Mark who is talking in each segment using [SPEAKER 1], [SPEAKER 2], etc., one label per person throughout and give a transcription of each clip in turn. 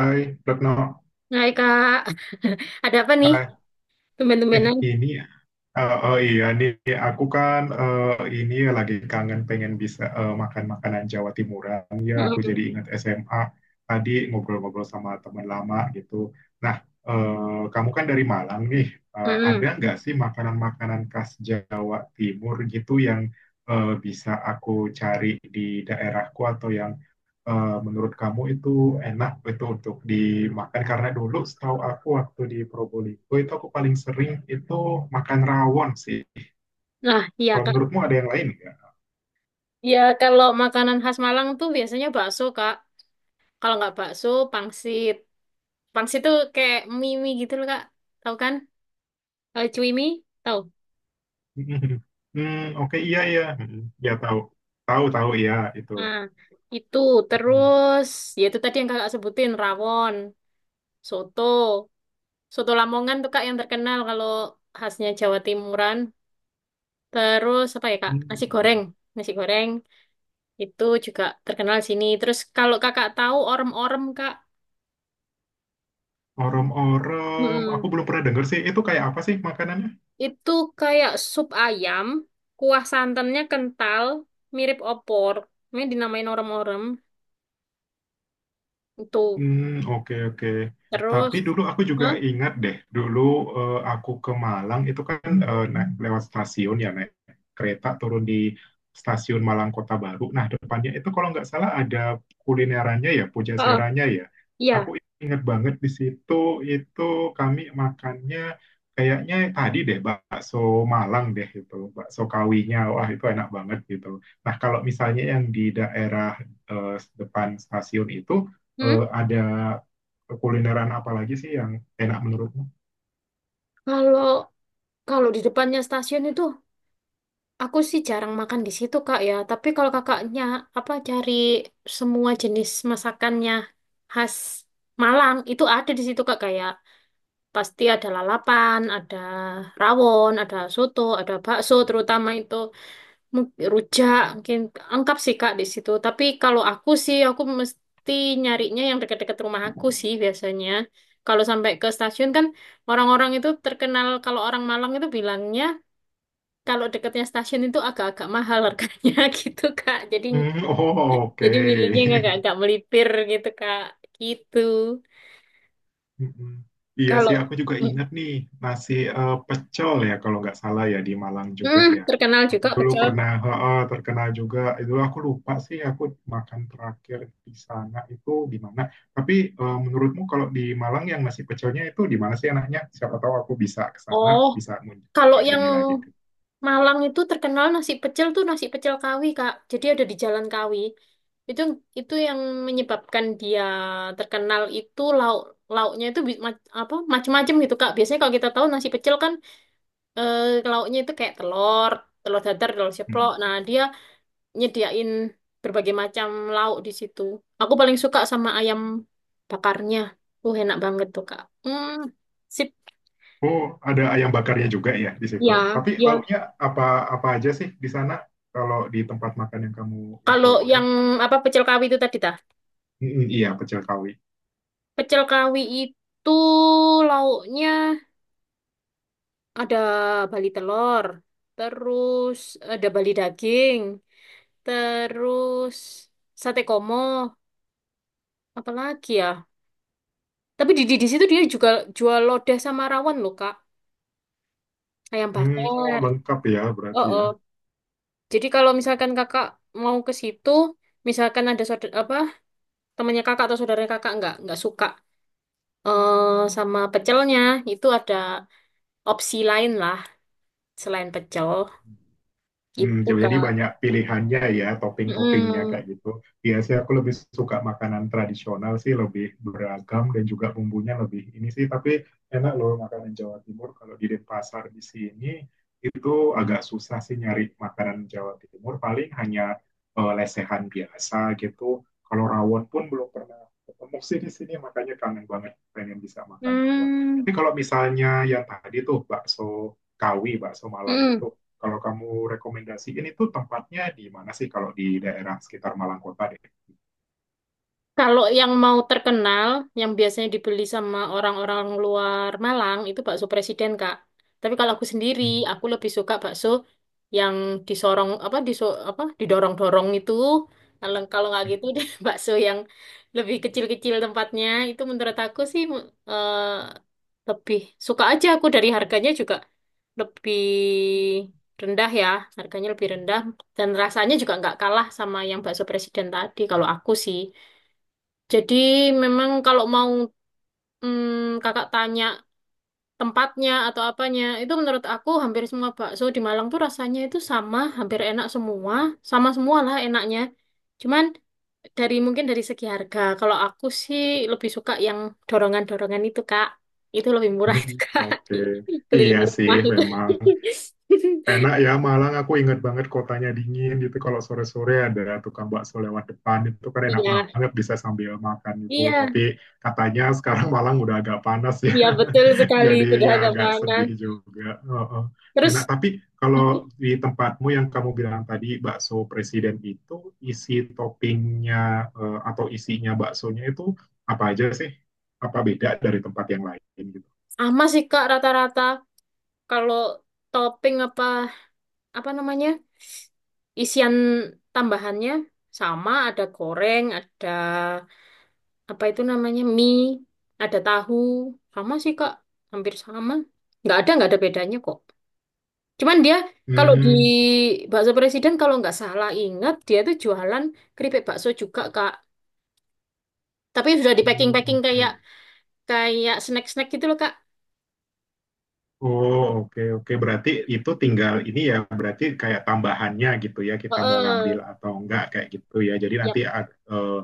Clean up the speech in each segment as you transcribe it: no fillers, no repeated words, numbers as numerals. [SPEAKER 1] Hai, Retno.
[SPEAKER 2] Hai Kak, ada apa nih?
[SPEAKER 1] Hai. Eh,
[SPEAKER 2] Tumben-tumbenan.
[SPEAKER 1] ini, eh, oh, iya nih, aku kan ini ya lagi kangen pengen bisa makan makanan Jawa Timuran. Ya, aku
[SPEAKER 2] Mm-mm,
[SPEAKER 1] jadi ingat SMA tadi ngobrol-ngobrol sama teman lama gitu. Nah, kamu kan dari Malang nih. Ada
[SPEAKER 2] mm-mm.
[SPEAKER 1] nggak sih makanan-makanan khas Jawa Timur gitu yang bisa aku cari di daerahku atau yang menurut kamu itu enak itu untuk dimakan karena dulu setahu aku waktu di Probolinggo itu aku paling sering itu makan rawon sih.
[SPEAKER 2] Nah, iya
[SPEAKER 1] Kalau
[SPEAKER 2] Kak.
[SPEAKER 1] menurutmu ada yang lain nggak?
[SPEAKER 2] Ya kalau makanan khas Malang tuh biasanya bakso Kak. Kalau nggak bakso, pangsit. Pangsit tuh kayak mie-mie gitu loh Kak. Tahu kan? Cuimi, tahu?
[SPEAKER 1] Hmm, oke, iya iya. Hmm, ya tahu. Tahu, iya itu.
[SPEAKER 2] Nah, itu
[SPEAKER 1] Mm.
[SPEAKER 2] terus ya itu tadi yang Kakak sebutin rawon, soto. Soto Lamongan tuh Kak yang terkenal kalau khasnya Jawa Timuran. Terus apa ya Kak? Nasi goreng.
[SPEAKER 1] Hmm.
[SPEAKER 2] Nasi goreng. Itu juga terkenal sini. Terus kalau kakak tahu orem-orem kak,
[SPEAKER 1] Orem-orem, aku
[SPEAKER 2] Mm-mm.
[SPEAKER 1] belum pernah denger sih. Itu kayak apa sih makanannya?
[SPEAKER 2] itu kayak sup ayam, kuah santannya kental, mirip opor. Ini dinamain orem-orem. Itu
[SPEAKER 1] Hmm, oke oke. Tapi
[SPEAKER 2] terus,
[SPEAKER 1] dulu aku juga
[SPEAKER 2] hah?
[SPEAKER 1] ingat deh, dulu aku ke Malang itu kan naik lewat stasiun ya naik kereta turun di stasiun Malang Kota Baru. Nah, depannya itu kalau nggak salah ada kulinerannya ya, Puja
[SPEAKER 2] Oh,
[SPEAKER 1] Seranya ya. Aku
[SPEAKER 2] iya.
[SPEAKER 1] ingat banget di situ itu kami makannya kayaknya tadi deh bakso Malang deh itu, bakso kawinya. Wah, itu enak banget gitu. Nah, kalau misalnya yang di daerah eh, depan stasiun itu
[SPEAKER 2] Hmm?
[SPEAKER 1] ada kulineran apa lagi sih yang enak menurutmu?
[SPEAKER 2] Kalau kalau di depannya stasiun itu, aku sih jarang makan di situ kak ya. Tapi kalau kakaknya apa cari semua jenis masakannya khas Malang itu ada di situ kak kayak pasti ada lalapan, ada rawon, ada soto, ada bakso terutama itu rujak mungkin lengkap sih Kak di situ. Tapi kalau aku sih aku mesti nyarinya yang dekat-dekat rumah aku sih biasanya. Kalau sampai ke stasiun kan orang-orang itu terkenal kalau orang Malang itu bilangnya kalau dekatnya stasiun itu agak-agak mahal harganya gitu Kak.
[SPEAKER 1] Hmm, oh, oke.
[SPEAKER 2] Jadi milihnya yang agak-agak melipir gitu Kak. Gitu.
[SPEAKER 1] Mm-mm. Iya
[SPEAKER 2] Kalau
[SPEAKER 1] sih, aku juga
[SPEAKER 2] mm,
[SPEAKER 1] ingat nih nasi pecel ya kalau nggak salah ya di Malang juga
[SPEAKER 2] mm,
[SPEAKER 1] ya.
[SPEAKER 2] terkenal
[SPEAKER 1] Aku
[SPEAKER 2] juga
[SPEAKER 1] dulu
[SPEAKER 2] pecel.
[SPEAKER 1] pernah terkenal juga. Itu aku lupa sih aku makan terakhir di sana itu di mana. Tapi menurutmu kalau di Malang yang nasi pecelnya itu di mana sih enaknya? Siapa tahu aku bisa ke sana,
[SPEAKER 2] Oh,
[SPEAKER 1] bisa ngunjung
[SPEAKER 2] kalau yang
[SPEAKER 1] ini lagi
[SPEAKER 2] Malang itu terkenal nasi pecel tuh nasi pecel Kawi, Kak. Jadi ada di Jalan Kawi. Itu itu yang menyebabkan dia terkenal itu lauknya itu apa macam-macam gitu, Kak. Biasanya kalau kita tahu nasi pecel kan eh, lauknya itu kayak telur, telur dadar, telur ceplok.
[SPEAKER 1] tuh.
[SPEAKER 2] Nah, dia nyediain berbagai macam lauk di situ. Aku paling suka sama ayam bakarnya. Enak banget tuh, Kak. Hmm, sip.
[SPEAKER 1] Oh, ada ayam bakarnya juga ya di situ.
[SPEAKER 2] Ya,
[SPEAKER 1] Tapi
[SPEAKER 2] ya.
[SPEAKER 1] lauknya apa apa aja sih di sana kalau di tempat makan yang kamu
[SPEAKER 2] Kalau
[SPEAKER 1] infoin ini?
[SPEAKER 2] yang apa pecel Kawi itu tadi, Ta?
[SPEAKER 1] Mm, iya, pecel kawi.
[SPEAKER 2] Pecel kawi itu lauknya ada bali telur, terus ada bali daging, terus sate komo, apalagi ya. Tapi di situ dia juga jual lodeh sama rawon loh, Kak. Ayam
[SPEAKER 1] Hmm, oh
[SPEAKER 2] bakar.
[SPEAKER 1] lengkap ya
[SPEAKER 2] Oh,
[SPEAKER 1] berarti ya.
[SPEAKER 2] oh. Jadi kalau misalkan kakak mau ke situ, misalkan ada saudara, apa temannya kakak atau saudaranya kakak nggak suka eh sama pecelnya, itu ada opsi lain lah selain pecel.
[SPEAKER 1] Hmm,
[SPEAKER 2] Gitu,
[SPEAKER 1] jadi
[SPEAKER 2] Kak.
[SPEAKER 1] banyak pilihannya ya, topping-toppingnya
[SPEAKER 2] Mm-mm.
[SPEAKER 1] kayak gitu. Biasanya aku lebih suka makanan tradisional sih, lebih beragam dan juga bumbunya lebih ini sih. Tapi enak loh makanan Jawa Timur. Kalau di Denpasar di sini itu agak susah sih nyari makanan Jawa Timur. Paling hanya lesehan biasa gitu. Kalau rawon pun belum pernah ketemu sih di sini, makanya kangen banget pengen bisa makan rawon. Tapi
[SPEAKER 2] Mm.
[SPEAKER 1] kalau misalnya yang tadi tuh bakso Kawi, bakso Malang itu
[SPEAKER 2] Mm.
[SPEAKER 1] kalau kamu rekomendasiin itu tempatnya di mana sih kalau di daerah sekitar Malang Kota deh?
[SPEAKER 2] Kalau yang mau terkenal, yang biasanya dibeli sama orang-orang luar Malang, itu bakso presiden, Kak. Tapi kalau aku sendiri, aku lebih suka bakso yang disorong, apa, diso, apa, didorong-dorong itu. Kalau kalau nggak gitu,
[SPEAKER 1] Hmm.
[SPEAKER 2] deh, bakso yang lebih kecil-kecil tempatnya, itu menurut aku sih eh, lebih suka aja aku dari harganya juga lebih rendah ya harganya lebih rendah dan rasanya juga nggak kalah sama yang bakso presiden tadi kalau aku sih jadi memang kalau mau kakak tanya tempatnya atau apanya itu menurut aku hampir semua bakso di Malang tuh rasanya itu sama hampir enak semua sama semua lah enaknya cuman dari mungkin dari segi harga kalau aku sih lebih suka yang dorongan-dorongan itu kak itu lebih murah itu kak
[SPEAKER 1] Oke. Iya
[SPEAKER 2] keliling
[SPEAKER 1] sih
[SPEAKER 2] rumah itu
[SPEAKER 1] memang enak ya Malang. Aku ingat banget kotanya dingin gitu. Kalau sore-sore ada tukang bakso lewat depan itu kan enak
[SPEAKER 2] iya
[SPEAKER 1] banget bisa sambil makan itu.
[SPEAKER 2] iya
[SPEAKER 1] Tapi katanya sekarang Malang udah agak panas ya.
[SPEAKER 2] iya betul sekali
[SPEAKER 1] Jadi
[SPEAKER 2] sudah
[SPEAKER 1] ya
[SPEAKER 2] agak
[SPEAKER 1] agak
[SPEAKER 2] panas
[SPEAKER 1] sedih juga. Heeh. Enak,
[SPEAKER 2] terus
[SPEAKER 1] tapi kalau di tempatmu yang kamu bilang tadi bakso presiden itu isi toppingnya atau isinya baksonya itu apa aja sih? Apa beda dari tempat yang lain gitu?
[SPEAKER 2] sama sih kak rata-rata kalau topping apa apa namanya isian tambahannya sama, ada goreng, ada apa itu namanya, mie, ada tahu. Sama sih, Kak. Hampir sama. Nggak ada bedanya kok. Cuman dia, kalau di
[SPEAKER 1] Hmm,
[SPEAKER 2] Bakso Presiden, kalau nggak salah ingat, dia tuh jualan keripik bakso juga, Kak. Tapi sudah di
[SPEAKER 1] hmm,
[SPEAKER 2] packing-packing
[SPEAKER 1] oke.
[SPEAKER 2] kayak kayak snack-snack gitu loh, Kak.
[SPEAKER 1] Oh, oke, oke. Berarti itu tinggal ini ya, berarti kayak tambahannya gitu ya, kita mau ngambil
[SPEAKER 2] Heeh.
[SPEAKER 1] atau enggak kayak gitu ya. Jadi nanti
[SPEAKER 2] Yap.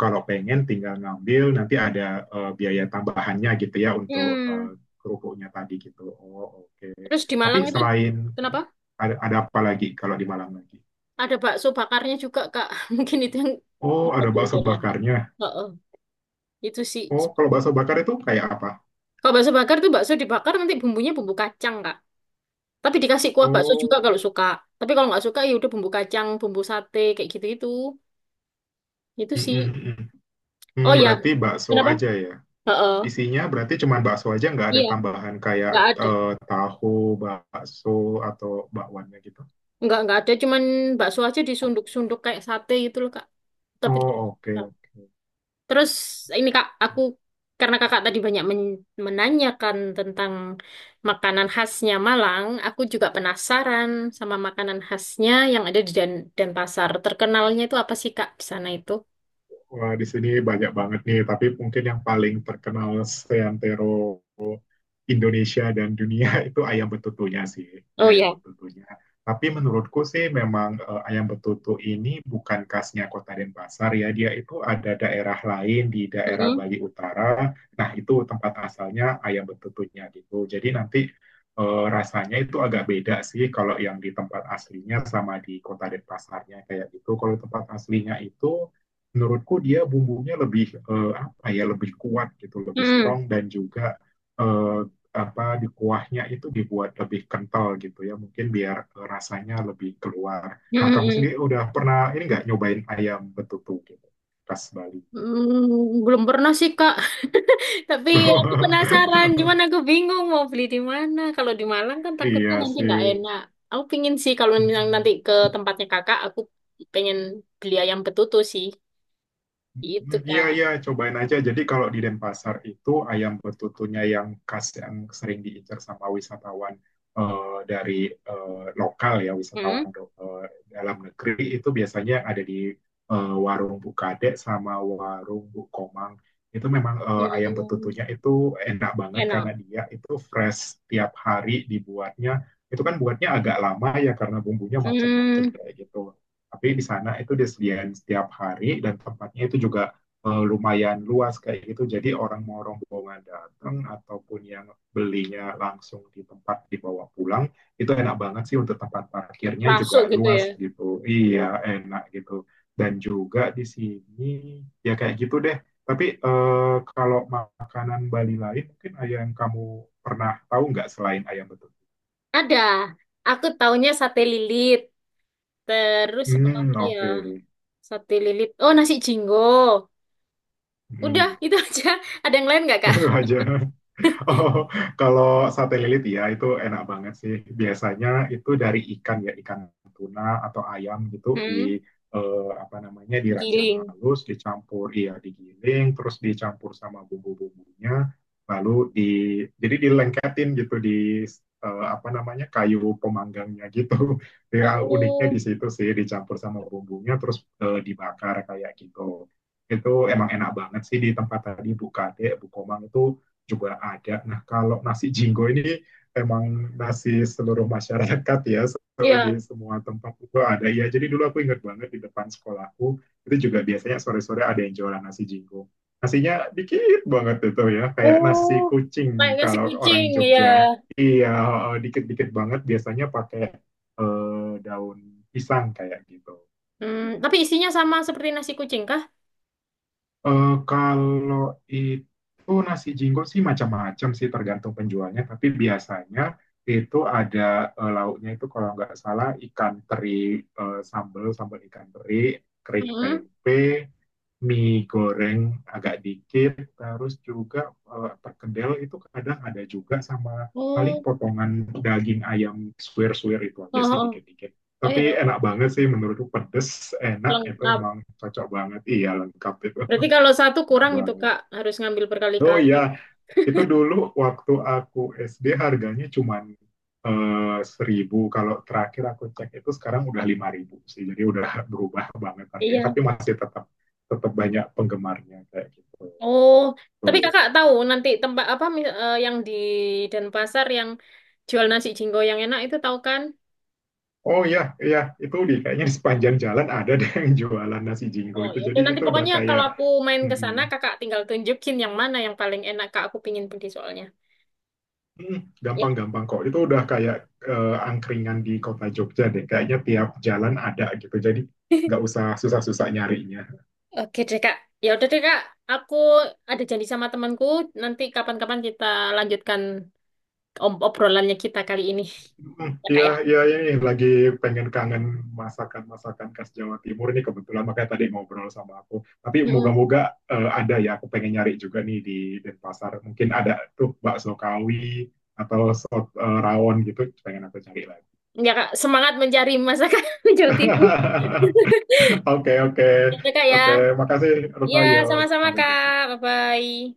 [SPEAKER 1] kalau pengen tinggal ngambil, nanti ada biaya tambahannya gitu ya untuk
[SPEAKER 2] Hmm.
[SPEAKER 1] kerupuknya tadi gitu. Oh, oke.
[SPEAKER 2] Terus di
[SPEAKER 1] Tapi
[SPEAKER 2] Malang itu,
[SPEAKER 1] selain
[SPEAKER 2] kenapa?
[SPEAKER 1] ada apa lagi kalau di Malang lagi?
[SPEAKER 2] Ada bakso bakarnya juga, Kak. Mungkin itu yang
[SPEAKER 1] Oh, ada
[SPEAKER 2] nyebutin
[SPEAKER 1] bakso
[SPEAKER 2] beda.
[SPEAKER 1] bakarnya.
[SPEAKER 2] Heeh. Itu sih.
[SPEAKER 1] Oh, kalau bakso bakar itu kayak apa?
[SPEAKER 2] Kalau bakso bakar tuh bakso dibakar nanti bumbunya bumbu kacang, Kak. Tapi dikasih kuah bakso juga
[SPEAKER 1] Oh,
[SPEAKER 2] kalau suka. Tapi kalau nggak suka ya udah bumbu kacang, bumbu sate kayak gitu-gitu. Itu
[SPEAKER 1] mm,
[SPEAKER 2] sih.
[SPEAKER 1] mm, mm. Hmm,
[SPEAKER 2] Oh ya.
[SPEAKER 1] berarti bakso
[SPEAKER 2] Kenapa?
[SPEAKER 1] aja ya.
[SPEAKER 2] Heeh.
[SPEAKER 1] Isinya berarti cuma bakso aja, nggak ada
[SPEAKER 2] Iya,
[SPEAKER 1] tambahan kayak
[SPEAKER 2] nggak ada.
[SPEAKER 1] tahu, bakso, atau bakwannya gitu.
[SPEAKER 2] Nggak ada cuman bakso aja disunduk-sunduk kayak sate gitu loh, Kak. Tapi
[SPEAKER 1] Oh, oke, oke.
[SPEAKER 2] terus ini Kak, aku karena Kakak tadi banyak menanyakan tentang makanan khasnya Malang, aku juga penasaran sama makanan khasnya yang ada di Denpasar. Terkenalnya itu apa sih Kak di sana itu?
[SPEAKER 1] Wah, di sini banyak banget nih, tapi mungkin yang paling terkenal seantero Indonesia dan dunia itu ayam betutunya sih,
[SPEAKER 2] Oh
[SPEAKER 1] iya, ayam
[SPEAKER 2] iya.
[SPEAKER 1] betutunya. Tapi menurutku sih memang ayam betutu ini bukan khasnya Kota Denpasar ya, dia itu ada daerah lain di daerah
[SPEAKER 2] Mm-mm.
[SPEAKER 1] Bali Utara. Nah, itu tempat asalnya ayam betutunya gitu. Jadi nanti rasanya itu agak beda sih kalau yang di tempat aslinya sama di Kota Denpasarnya kayak gitu. Kalau tempat aslinya itu menurutku dia bumbunya lebih apa ya lebih kuat gitu lebih
[SPEAKER 2] Mm-mm.
[SPEAKER 1] strong dan juga eh, apa di kuahnya itu dibuat lebih kental gitu ya mungkin biar rasanya lebih keluar. Nah kamu sendiri
[SPEAKER 2] Mm-mm.
[SPEAKER 1] udah pernah ini nggak nyobain ayam betutu gitu khas Bali?
[SPEAKER 2] Mm, belum pernah sih Kak, tapi aku penasaran. Cuman aku bingung mau beli di mana. Kalau di Malang kan takutnya
[SPEAKER 1] Iya
[SPEAKER 2] nanti nggak
[SPEAKER 1] sih.
[SPEAKER 2] enak. Aku pingin sih kalau misalnya nanti
[SPEAKER 1] Mm-mm.
[SPEAKER 2] ke tempatnya Kakak, aku pengen beli ayam betutu sih. Gitu,
[SPEAKER 1] Iya,
[SPEAKER 2] Kak.
[SPEAKER 1] iya, cobain aja. Jadi kalau di Denpasar itu ayam betutunya yang khas yang sering diincar sama wisatawan dari lokal ya,
[SPEAKER 2] Hmm?
[SPEAKER 1] wisatawan dalam negeri itu biasanya ada di warung Bu Kadek sama warung Bu Komang. Itu memang ayam
[SPEAKER 2] Hmm.
[SPEAKER 1] betutunya itu enak banget karena
[SPEAKER 2] Enak.
[SPEAKER 1] dia itu fresh tiap hari dibuatnya. Itu kan buatnya agak lama ya karena bumbunya macam-macam
[SPEAKER 2] Hmm.
[SPEAKER 1] kayak gitu. Tapi di sana itu disediain setiap hari dan tempatnya itu juga lumayan luas kayak gitu. Jadi orang mau rombongan datang ataupun yang belinya langsung di tempat dibawa pulang, itu enak banget sih untuk tempat parkirnya
[SPEAKER 2] Rasuk
[SPEAKER 1] juga
[SPEAKER 2] gitu
[SPEAKER 1] luas
[SPEAKER 2] ya.
[SPEAKER 1] gitu. Iya, enak gitu. Dan juga di sini ya kayak gitu deh. Tapi kalau makanan Bali lain mungkin ayam kamu pernah tahu nggak selain ayam betutu?
[SPEAKER 2] Ada. Aku taunya sate lilit. Terus apa
[SPEAKER 1] Hmm,
[SPEAKER 2] lagi ya?
[SPEAKER 1] oke. Okay.
[SPEAKER 2] Sate lilit. Oh, nasi jinggo. Udah,
[SPEAKER 1] Hmm,
[SPEAKER 2] itu aja. Ada yang lain nggak, Kak?
[SPEAKER 1] itu aja. Oh, kalau sate lilit ya itu enak banget sih. Biasanya itu dari ikan ya, ikan tuna atau ayam gitu di
[SPEAKER 2] Hmm.
[SPEAKER 1] apa namanya dirajang
[SPEAKER 2] Digiling.
[SPEAKER 1] halus, dicampur ya digiling, terus dicampur sama bumbu-bumbunya, lalu di jadi dilengketin gitu di apa namanya kayu pemanggangnya gitu. Ya uniknya
[SPEAKER 2] Oh,
[SPEAKER 1] di situ sih dicampur sama bumbunya terus dibakar kayak gitu. Itu emang enak banget sih di tempat tadi Bu Kade, Bu Komang itu juga ada. Nah, kalau nasi jinggo ini emang nasi seluruh masyarakat ya, so, di
[SPEAKER 2] iya.
[SPEAKER 1] semua tempat itu ada. Ya, jadi dulu aku ingat banget di depan sekolahku, itu juga biasanya sore-sore ada yang jualan nasi jinggo. Nasinya dikit banget itu ya, kayak nasi
[SPEAKER 2] Oh, kayak
[SPEAKER 1] kucing
[SPEAKER 2] nasi
[SPEAKER 1] kalau
[SPEAKER 2] kucing,
[SPEAKER 1] orang
[SPEAKER 2] ya.
[SPEAKER 1] Jogja. Iya, dikit-dikit banget biasanya pakai daun pisang kayak gitu.
[SPEAKER 2] Hmm,
[SPEAKER 1] Gitu.
[SPEAKER 2] tapi isinya sama seperti nasi kucing, kah?
[SPEAKER 1] Eh, kalau itu nasi jinggo sih macam-macam sih tergantung penjualnya, tapi biasanya itu ada lauknya itu kalau nggak salah ikan teri sambal sambal ikan teri, kering
[SPEAKER 2] Hmm.
[SPEAKER 1] tempe, mie goreng agak dikit, terus juga perkedel itu kadang ada juga sama paling
[SPEAKER 2] Oh,
[SPEAKER 1] potongan daging ayam suwir-suwir itu aja sih
[SPEAKER 2] oh, oh,
[SPEAKER 1] dikit-dikit.
[SPEAKER 2] oh,
[SPEAKER 1] Tapi
[SPEAKER 2] ya.
[SPEAKER 1] enak banget sih menurutku pedes, enak itu
[SPEAKER 2] Lengkap.
[SPEAKER 1] memang cocok banget. Iya lengkap itu.
[SPEAKER 2] Berarti kalau satu
[SPEAKER 1] Enak
[SPEAKER 2] kurang itu
[SPEAKER 1] banget.
[SPEAKER 2] Kak, harus ngambil
[SPEAKER 1] Oh
[SPEAKER 2] berkali-kali.
[SPEAKER 1] iya, itu dulu waktu aku SD harganya cuman 1.000. Kalau terakhir aku cek itu sekarang udah 5.000 sih. Jadi udah berubah banget harganya.
[SPEAKER 2] Iya.
[SPEAKER 1] Tapi masih tetap tetap banyak penggemarnya kayak gitu.
[SPEAKER 2] Oh, tapi
[SPEAKER 1] Tuh.
[SPEAKER 2] Kakak tahu nanti tempat apa yang di Denpasar yang jual nasi jinggo yang enak itu tahu kan?
[SPEAKER 1] Oh iya, iya itu di kayaknya sepanjang jalan ada deh yang jualan nasi jinggo
[SPEAKER 2] Oh,
[SPEAKER 1] itu.
[SPEAKER 2] ya
[SPEAKER 1] Jadi
[SPEAKER 2] dan nanti
[SPEAKER 1] itu udah
[SPEAKER 2] pokoknya kalau
[SPEAKER 1] kayak
[SPEAKER 2] aku main ke
[SPEAKER 1] mm,
[SPEAKER 2] sana Kakak tinggal tunjukin yang mana yang paling enak Kak, aku pingin pergi soalnya.
[SPEAKER 1] hmm,
[SPEAKER 2] Ya,
[SPEAKER 1] gampang-gampang kok. Itu udah kayak angkringan di kota Jogja deh. Kayaknya tiap jalan ada gitu. Jadi nggak usah susah-susah nyarinya.
[SPEAKER 2] oke deh Kak. Ya udah deh Kak, aku ada janji sama temanku, nanti kapan-kapan kita lanjutkan obrolannya kita kali ini.
[SPEAKER 1] Hmm,
[SPEAKER 2] Ya Kak
[SPEAKER 1] iya,
[SPEAKER 2] ya.
[SPEAKER 1] iya ini lagi pengen kangen masakan-masakan khas Jawa Timur ini kebetulan makanya tadi ngobrol sama aku. Tapi
[SPEAKER 2] Mm-mm.
[SPEAKER 1] moga-moga ada ya. Aku pengen nyari juga nih di Denpasar. Mungkin ada tuh bakso kawi atau sop rawon gitu. Pengen aku cari lagi.
[SPEAKER 2] Ya Kak, semangat mencari masakan Jawa Timur.
[SPEAKER 1] Oke, oke,
[SPEAKER 2] Ya, deh, Kak
[SPEAKER 1] oke.
[SPEAKER 2] ya.
[SPEAKER 1] Makasih, Rutno.
[SPEAKER 2] Iya,
[SPEAKER 1] Yo,
[SPEAKER 2] sama-sama
[SPEAKER 1] sampai
[SPEAKER 2] Kak.
[SPEAKER 1] jumpa.
[SPEAKER 2] Bye-bye.